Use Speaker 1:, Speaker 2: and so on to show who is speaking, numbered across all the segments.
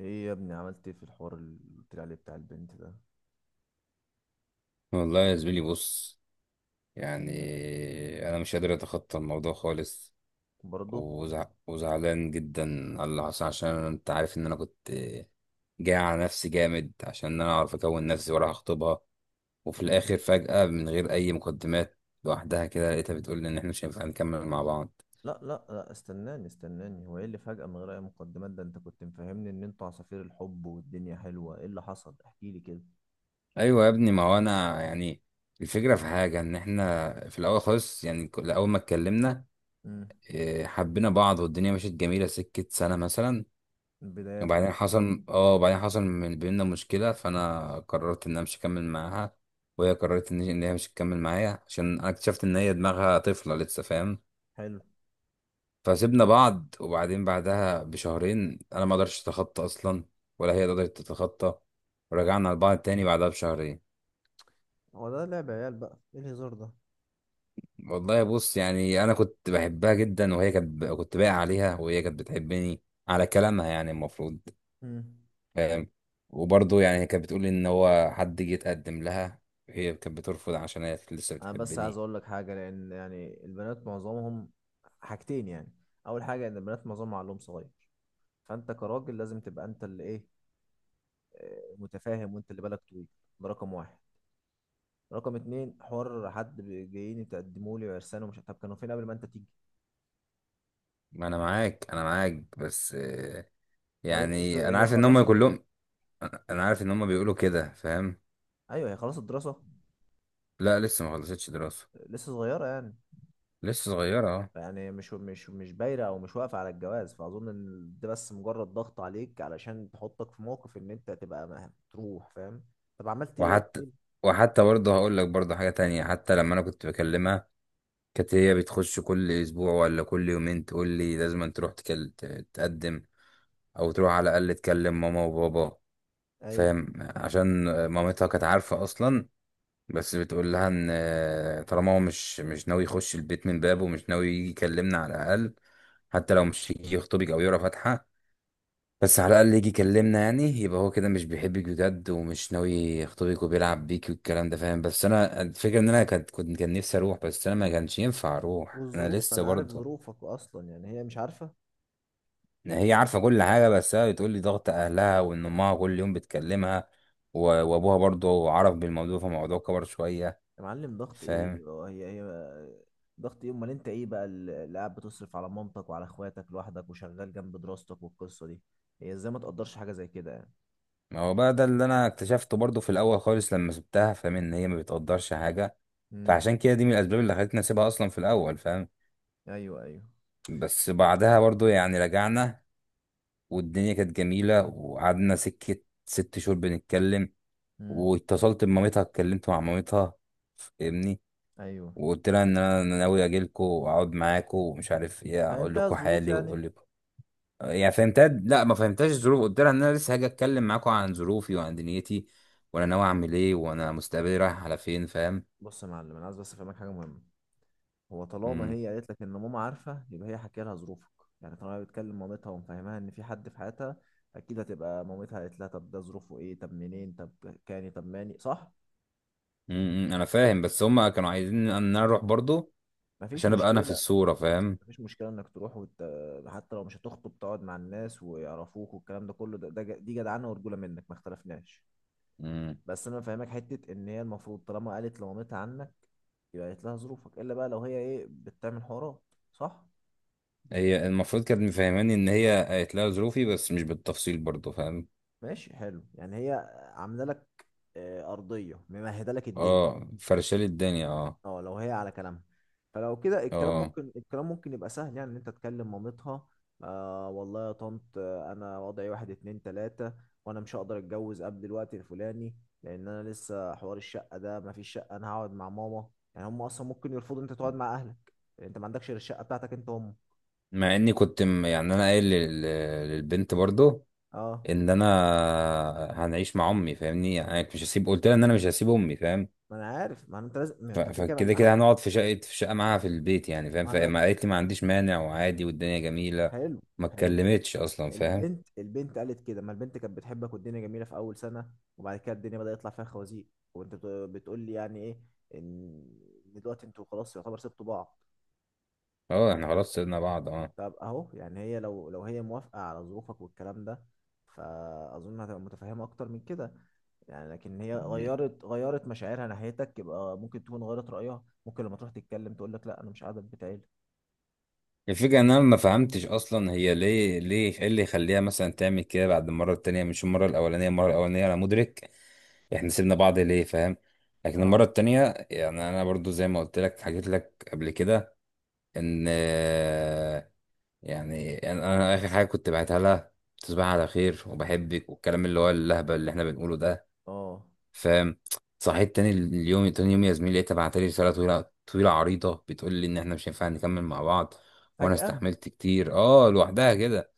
Speaker 1: ايه يا ابني، عملت ايه في الحوار اللي قلت لي عليه بتاع البنت ده؟
Speaker 2: والله يا زميلي، بص. يعني
Speaker 1: مم.
Speaker 2: انا مش قادر اتخطى الموضوع خالص.
Speaker 1: برضه.
Speaker 2: وزعلان جدا على اللي حصل، عشان انت عارف ان انا كنت جاي على نفسي جامد، عشان انا اعرف اكون نفسي ولا هخطبها. وفي
Speaker 1: مم.
Speaker 2: الاخر فجأة من غير اي مقدمات، لوحدها كده، لقيتها بتقول لي ان احنا مش هينفع نكمل مع بعض.
Speaker 1: لا لا لا، استناني استناني، هو ايه اللي فجأة من غير اي مقدمات ده؟ انت كنت مفهمني ان انتوا عصافير الحب والدنيا حلوة، ايه اللي حصل؟ احكي لي كده.
Speaker 2: ايوه يا ابني، ما هو انا الفكرة في حاجة ان احنا في الاول خالص، اول ما اتكلمنا،
Speaker 1: مم.
Speaker 2: حبينا بعض والدنيا مشيت جميلة، سكة سنة مثلا.
Speaker 1: البدايات بقى.
Speaker 2: وبعدين حصل، من بيننا مشكلة، فأنا قررت إن أنا مش هكمل معاها، وهي قررت إن هي مش هتكمل معايا، عشان أنا اكتشفت إن هي دماغها طفلة لسه. فاهم؟
Speaker 1: حلو.
Speaker 2: فسيبنا بعض. وبعدين بعدها بشهرين أنا ما قدرتش أتخطى أصلا، ولا هي قدرت تتخطى، ورجعنا لبعض تاني بعدها بشهرين.
Speaker 1: هو ده لعب عيال بقى؟ ايه الهزار ده؟
Speaker 2: والله بص، أنا كنت بحبها جدا، وهي كنت باقي عليها، وهي كانت بتحبني، على كلامها يعني المفروض.
Speaker 1: مم.
Speaker 2: آم، وبرضه يعني هي كانت بتقول ان هو حد جه يتقدم لها، هي كانت بترفض عشان هي كانت لسه
Speaker 1: انا بس عايز
Speaker 2: بتحبني.
Speaker 1: اقول لك حاجة، لان يعني البنات معظمهم... حاجتين يعني. اول حاجة، ان البنات معظمهم عقلهم صغير. فانت كراجل لازم تبقى انت اللي ايه، متفاهم وانت اللي بالك طويل. ده رقم واحد. رقم اتنين، حوار حد جايين يتقدموا لي وعرسان، ومش... طب كانوا فين قبل ما انت تيجي؟
Speaker 2: ما انا معاك، انا معاك، بس
Speaker 1: وبعدين انتوا،
Speaker 2: يعني انا
Speaker 1: هي
Speaker 2: عارف ان هم
Speaker 1: خلصت؟
Speaker 2: كلهم، انا عارف ان هم بيقولوا كده. فاهم؟
Speaker 1: ايوه، هي خلصت دراسه؟
Speaker 2: لا، لسه ما خلصتش دراسة.
Speaker 1: لسه صغيره يعني.
Speaker 2: لسه صغيرة، اه.
Speaker 1: يعني مش بايره او مش واقفه على الجواز، فاظن ان ده بس مجرد ضغط عليك علشان تحطك في موقف ان انت تبقى تروح، فاهم؟ طب عملت ايه؟ احكي
Speaker 2: وحتى
Speaker 1: لي.
Speaker 2: وحتى برضه هقول لك برضه حاجة تانية، حتى لما انا كنت بكلمها، كانت هي بتخش كل اسبوع ولا كل يومين تقول لي لازم أن تروح تقدم، او تروح على الاقل تكلم ماما وبابا.
Speaker 1: ايوه.
Speaker 2: فاهم؟ عشان مامتها كانت عارفة أصلا، بس بتقول لها إن طالما هو مش ناوي يخش البيت من بابه، مش ناوي يجي يكلمنا على الأقل، حتى لو مش يجي يخطبك أو يقرا فاتحة، بس على الأقل يجي يكلمنا، يعني يبقى هو كده مش بيحبك بجد، ومش ناوي يخطبك، وبيلعب بيك، والكلام ده. فاهم؟ بس أنا الفكرة إن أنا كان نفسي أروح، بس أنا ما كانش ينفع أروح، أنا
Speaker 1: والظروف،
Speaker 2: لسه
Speaker 1: انا عارف
Speaker 2: برضه.
Speaker 1: ظروفك اصلا، يعني هي مش عارفه؟
Speaker 2: إن هي عارفة كل حاجة، بس هي بتقول لي ضغط أهلها، وإن أمها كل يوم بتكلمها، و- وأبوها برضه عرف بالموضوع، فالموضوع كبر شوية.
Speaker 1: يا معلم، ضغط
Speaker 2: فاهم؟
Speaker 1: ايه؟ هي. ضغط ايه؟ امال انت ايه بقى اللي قاعد بتصرف على مامتك وعلى اخواتك لوحدك وشغال جنب دراستك والقصه دي. هي ازاي ما تقدرش حاجه زي كده يعني؟
Speaker 2: ما هو بقى ده اللي أنا اكتشفته برضه في الأول خالص لما سبتها. فاهم؟ إن هي ما بتقدرش حاجة.
Speaker 1: امم.
Speaker 2: فعشان كده دي من الأسباب اللي خلتني أسيبها أصلا في الأول. فاهم؟
Speaker 1: ايوه، ايوه.
Speaker 2: بس بعدها برضه، يعني رجعنا، والدنيا كانت جميلة، وقعدنا سكة 6 شهور بنتكلم.
Speaker 1: امم.
Speaker 2: واتصلت بمامتها، اتكلمت مع مامتها. فاهمني؟
Speaker 1: ايوه،
Speaker 2: وقلت لها ان انا ناوي اجي لكم واقعد معاكم، ومش عارف ايه، اقول
Speaker 1: فهمتها
Speaker 2: لكم
Speaker 1: الظروف
Speaker 2: حالي
Speaker 1: يعني؟
Speaker 2: واقول لكم، يعني فهمتها. لا، ما فهمتهاش الظروف. قلت لها ان انا لسه هاجي اتكلم معاكم عن ظروفي وعن دنيتي، وانا ناوي اعمل ايه، وانا مستقبلي رايح على فين. فاهم؟
Speaker 1: بص يا معلم، انا عايز بس افهمك حاجه مهمه. هو طالما
Speaker 2: امم.
Speaker 1: هي قالت لك ان ماما عارفه، يبقى هي حكي لها ظروفك. يعني طالما هي بتكلم مامتها ومفهمها ان في حد في حياتها، اكيد هتبقى مامتها قالت لها طب ده ظروفه ايه، طب منين، طب... كاني طب ماني، صح؟
Speaker 2: انا فاهم، بس هما كانوا عايزين ان انا اروح برضو
Speaker 1: مفيش
Speaker 2: عشان ابقى انا في
Speaker 1: مشكله.
Speaker 2: الصورة. فاهم؟
Speaker 1: مفيش مشكلة انك تروح. حتى لو مش هتخطب، تقعد مع الناس ويعرفوك والكلام ده كله، دي جدعانة ورجولة منك، ما اختلفناش.
Speaker 2: امم
Speaker 1: بس انا فاهمك حتة، ان هي المفروض طالما قالت لمامتها عنك، يبقى قالت لها ظروفك، الا بقى لو هي ايه بتعمل حوارات. صح؟
Speaker 2: هي المفروض كانت مفهماني ان هي قالت لها ظروفي، بس مش بالتفصيل برضو. فاهم؟
Speaker 1: ماشي، حلو يعني، هي عاملة لك أرضية ممهدة لك الدنيا.
Speaker 2: اه، فرشالي الدنيا، اه،
Speaker 1: اه، لو هي على كلامها، فلو كده الكلام
Speaker 2: اه.
Speaker 1: ممكن الكلام ممكن يبقى سهل يعني ان انت تكلم مامتها. آه والله يا طنط، انا وضعي واحد اتنين تلاتة، وانا مش هقدر اتجوز قبل الوقت الفلاني. لان انا لسه حوار الشقة ده، مفيش شقة، انا هقعد مع ماما. يعني هم اصلا ممكن يرفضوا إن انت تقعد مع اهلك، لأن انت ما عندكش غير الشقة بتاعتك انت وهم.
Speaker 2: مع اني كنت، انا قايل للبنت برضو
Speaker 1: اه،
Speaker 2: ان انا هنعيش مع امي. فاهمني؟ يعني أنا مش هسيب، قلت لها ان انا مش هسيب امي. فاهم؟
Speaker 1: ما انا عارف، ما انت لازم، ما
Speaker 2: ف-
Speaker 1: انت كده كده
Speaker 2: فكده
Speaker 1: ما...
Speaker 2: كده هنقعد في شقه معاها في البيت يعني. فاهم؟
Speaker 1: ما انا
Speaker 2: فما قالت لي ما عنديش مانع وعادي، والدنيا جميله.
Speaker 1: حلو.
Speaker 2: ما
Speaker 1: حلو.
Speaker 2: اتكلمتش اصلا. فاهم؟
Speaker 1: البنت قالت كده، ما البنت كانت بتحبك والدنيا جميله في اول سنه. وبعد كده الدنيا بدأ يطلع فيها خوازيق. وانت بتقول لي يعني ايه، ان إن دلوقتي انتوا خلاص يعتبر سبتوا بعض؟
Speaker 2: اه، احنا خلاص سيبنا بعض، اه.
Speaker 1: طب اهو يعني، هي لو هي موافقه على ظروفك والكلام ده، فاظن هتبقى متفهمه اكتر من كده. يعني لكن هي
Speaker 2: مم.
Speaker 1: غيرت مشاعرها ناحيتك، يبقى ممكن تكون غيرت رأيها، ممكن لما تروح تتكلم تقول لك لا، انا مش قاعده في بيت عيلة.
Speaker 2: الفكره ان انا ما فهمتش اصلا هي ليه، ايه اللي يخليها مثلا تعمل كده بعد المره التانيه، مش المره الاولانيه. المره الاولانيه انا مدرك احنا سيبنا بعض ليه. فاهم؟ لكن المرة
Speaker 1: اه.
Speaker 2: التانية، يعني انا برضو زي ما قلت لك، حكيت لك قبل كده ان انا اخر حاجة كنت بعتها لها، تصبح على خير وبحبك، والكلام اللي هو اللهبة اللي احنا بنقوله ده.
Speaker 1: اه،
Speaker 2: فاهم؟ صحيت تاني اليوم، تاني يوم يا زميلي، لقيتها بعتلي رسالة طويلة طويلة عريضة بتقول لي ان احنا مش هينفع نكمل مع بعض، وانا
Speaker 1: فجأة.
Speaker 2: استحملت كتير، اه، لوحدها كده،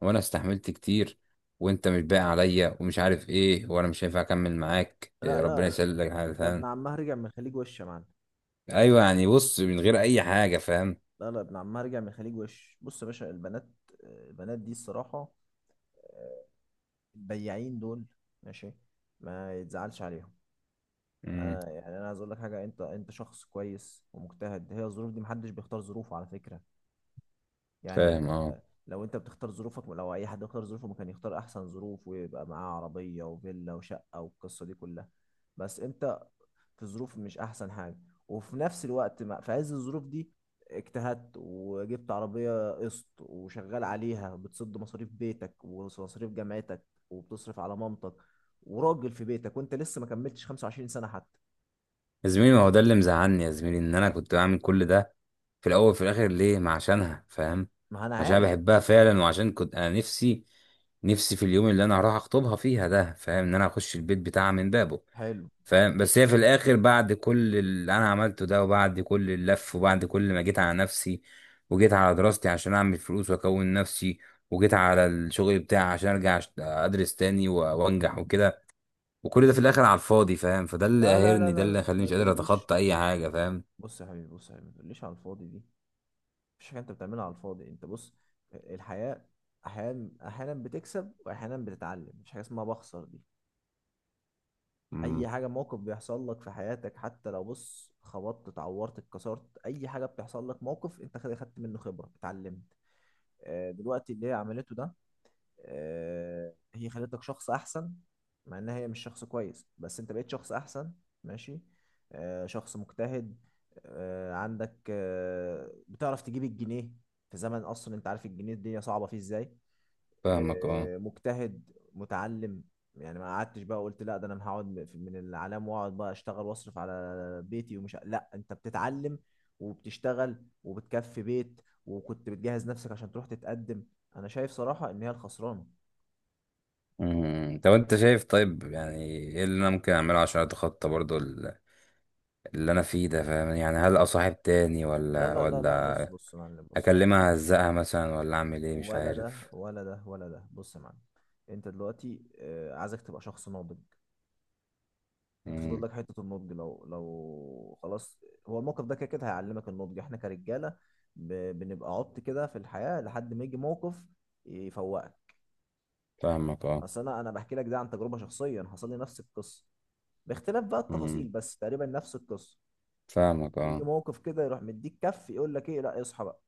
Speaker 2: وانا استحملت كتير، وانت مش باقي عليا، ومش عارف ايه، وانا مش هينفع اكمل معاك،
Speaker 1: لا
Speaker 2: ربنا
Speaker 1: لا،
Speaker 2: يسهل لك حاجه.
Speaker 1: ده ابن
Speaker 2: فاهم؟
Speaker 1: عمها رجع من الخليج وش يا معلم.
Speaker 2: ايوه، بص، من غير اي حاجه. فاهم؟
Speaker 1: لا لا، ابن عمها رجع من الخليج وش. بص يا باشا، البنات... البنات دي الصراحة، البياعين دول. ماشي. ما يتزعلش عليهم.
Speaker 2: امم
Speaker 1: يعني انا عايز اقول لك حاجة، انت شخص كويس ومجتهد، هي الظروف دي محدش بيختار ظروفه على فكرة. يعني،
Speaker 2: فاهم، اه.
Speaker 1: آه، لو انت بتختار ظروفك، لو اي حد يختار ظروفه ما كان يختار احسن ظروف ويبقى معاه عربية وفيلا وشقة والقصة دي كلها. بس انت، في ظروف مش احسن حاجه، وفي نفس الوقت ما في عز الظروف دي، اجتهدت وجبت عربيه قسط، وشغال عليها بتسد مصاريف بيتك ومصاريف جامعتك، وبتصرف على مامتك، وراجل في بيتك، وانت لسه ما كملتش 25 سنه حتى.
Speaker 2: يا زميلي، ما هو ده اللي مزعلني يا زميلي، ان انا كنت بعمل كل ده في الاول وفي الاخر ليه؟ ما عشانها. فاهم؟
Speaker 1: ما انا
Speaker 2: عشان أنا
Speaker 1: عارف.
Speaker 2: بحبها فعلا، وعشان كنت انا نفسي، نفسي في اليوم اللي انا هروح اخطبها فيها ده. فاهم؟ ان انا اخش البيت بتاعها من بابه.
Speaker 1: حلو.
Speaker 2: فاهم؟ بس هي في الاخر بعد كل اللي انا عملته ده، وبعد كل اللف، وبعد كل ما جيت على نفسي، وجيت على دراستي عشان اعمل فلوس واكون نفسي، وجيت على الشغل بتاعي عشان ارجع ادرس تاني، و- وانجح وكده، وكل ده في الاخر على الفاضي. فاهم؟ فده اللي
Speaker 1: لا لا لا
Speaker 2: قاهرني، ده
Speaker 1: لا
Speaker 2: اللي
Speaker 1: لا،
Speaker 2: خليني
Speaker 1: ما
Speaker 2: مش قادر
Speaker 1: تقوليش.
Speaker 2: اتخطى اي حاجه. فاهم؟
Speaker 1: بص يا حبيبي، بص يا حبيبي، ما تقوليش على الفاضي دي. مفيش حاجه انت بتعملها على الفاضي، انت بص، الحياه احيانا احيانا بتكسب، واحيانا بتتعلم، مفيش حاجه اسمها بخسر دي.
Speaker 2: مم.
Speaker 1: اي حاجه، موقف بيحصل لك في حياتك حتى لو بص خبطت اتعورت اتكسرت، اي حاجه بتحصل لك، موقف انت خدت منه خبره، اتعلمت. دلوقتي اللي هي عملته ده، هي خلتك شخص احسن. مع انها هي مش شخص كويس، بس انت بقيت شخص احسن. ماشي. شخص مجتهد، عندك، بتعرف تجيب الجنيه في زمن اصلا انت عارف الجنيه الدنيا صعبه فيه ازاي.
Speaker 2: فاهمك، اه.
Speaker 1: مجتهد، متعلم. يعني ما قعدتش بقى قلت لا ده انا هقعد من الاعلام واقعد بقى اشتغل واصرف على بيتي ومش لا، انت بتتعلم وبتشتغل وبتكفي بيت، وكنت بتجهز نفسك عشان تروح تتقدم. انا شايف صراحة ان هي الخسرانة.
Speaker 2: مم. طب انت شايف؟ طيب يعني ايه اللي انا ممكن اعمله عشان اتخطى برضو اللي انا فيه ده. فاهم؟ يعني هل اصاحب تاني،
Speaker 1: لا
Speaker 2: ولا
Speaker 1: لا لا لا،
Speaker 2: ولا
Speaker 1: بص، بص يا معلم، بص
Speaker 2: اكلمها اهزقها مثلا، ولا اعمل ايه؟ مش
Speaker 1: ولا ده
Speaker 2: عارف.
Speaker 1: ولا ده ولا ده، بص يا معلم. انت دلوقتي، عايزك تبقى شخص ناضج. انت فاضل
Speaker 2: امم
Speaker 1: لك حته النضج، لو خلاص. هو الموقف ده كده كده هيعلمك النضج. احنا كرجاله ب... بنبقى عبط كده في الحياه لحد ما يجي موقف يفوقك.
Speaker 2: فاهمك، اه.
Speaker 1: اصل انا بحكي لك ده عن تجربه شخصيه، حصل لي نفس القصه، باختلاف بقى التفاصيل،
Speaker 2: امم
Speaker 1: بس تقريبا نفس القصه.
Speaker 2: فاهمك،
Speaker 1: بيجي
Speaker 2: اه.
Speaker 1: موقف كده يروح مديك كف، يقول لك ايه، لا اصحى بقى،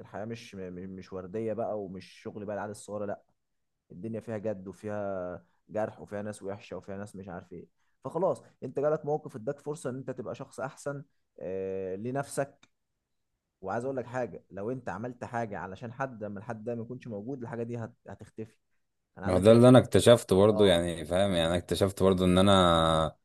Speaker 1: الحياه مش م- م- مش ورديه بقى، ومش شغل بقى العيال الصغيره، لا. الدنيا فيها جد، وفيها جرح، وفيها ناس وحشه، وفيها ناس مش عارف ايه. فخلاص، انت جالك موقف اداك فرصه ان انت تبقى شخص احسن، لنفسك. وعايز اقول لك حاجه، لو انت عملت حاجه علشان حد، لما الحد ده ما يكونش موجود الحاجه دي هتختفي. انا
Speaker 2: ما هو
Speaker 1: عايزك
Speaker 2: ده
Speaker 1: تعمل...
Speaker 2: اللي انا اكتشفته برضه،
Speaker 1: اه.
Speaker 2: يعني فاهم؟ يعني انا اكتشفت برضه ان انا،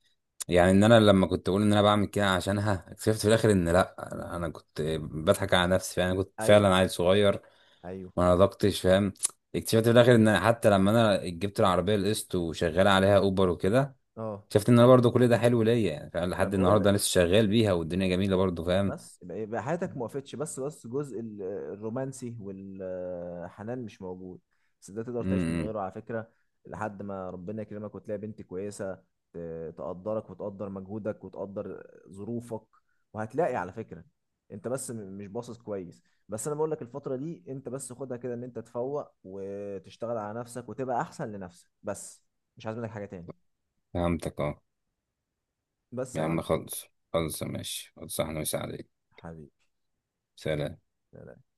Speaker 2: يعني ان انا لما كنت بقول ان انا بعمل كده عشانها، اكتشفت في الاخر ان لا، انا كنت بضحك على نفسي. يعني كنت
Speaker 1: ايوه،
Speaker 2: فعلا عيل صغير،
Speaker 1: ايوه.
Speaker 2: ما نضجتش. فاهم؟ اكتشفت في الاخر ان حتى لما انا جبت العربيه القسط وشغال عليها اوبر وكده،
Speaker 1: اه،
Speaker 2: اكتشفت ان انا برضه كل ده حلو ليا، يعني فعلا
Speaker 1: ما انا
Speaker 2: لحد
Speaker 1: بقول
Speaker 2: النهارده
Speaker 1: لك.
Speaker 2: أنا لسه شغال بيها والدنيا جميله برضه.
Speaker 1: بس يبقى حياتك ما وقفتش، بس جزء الرومانسي والحنان مش موجود. بس ده تقدر تعيش من
Speaker 2: فاهم؟
Speaker 1: غيره على فكرة، لحد ما ربنا يكرمك وتلاقي بنت كويسة، تقدرك وتقدر مجهودك وتقدر ظروفك. وهتلاقي على فكرة، انت بس مش باصص كويس. بس انا بقول لك، الفترة دي انت بس خدها كده، ان انت تفوق وتشتغل على نفسك وتبقى احسن لنفسك بس. مش عايز منك حاجة تاني.
Speaker 2: فهمتك، اه.
Speaker 1: بس يا
Speaker 2: يا عم
Speaker 1: معلم.
Speaker 2: خلص. خلص، ماشي، خلص، احنا مساعدين.
Speaker 1: حبيبي.
Speaker 2: سلام.
Speaker 1: سلام.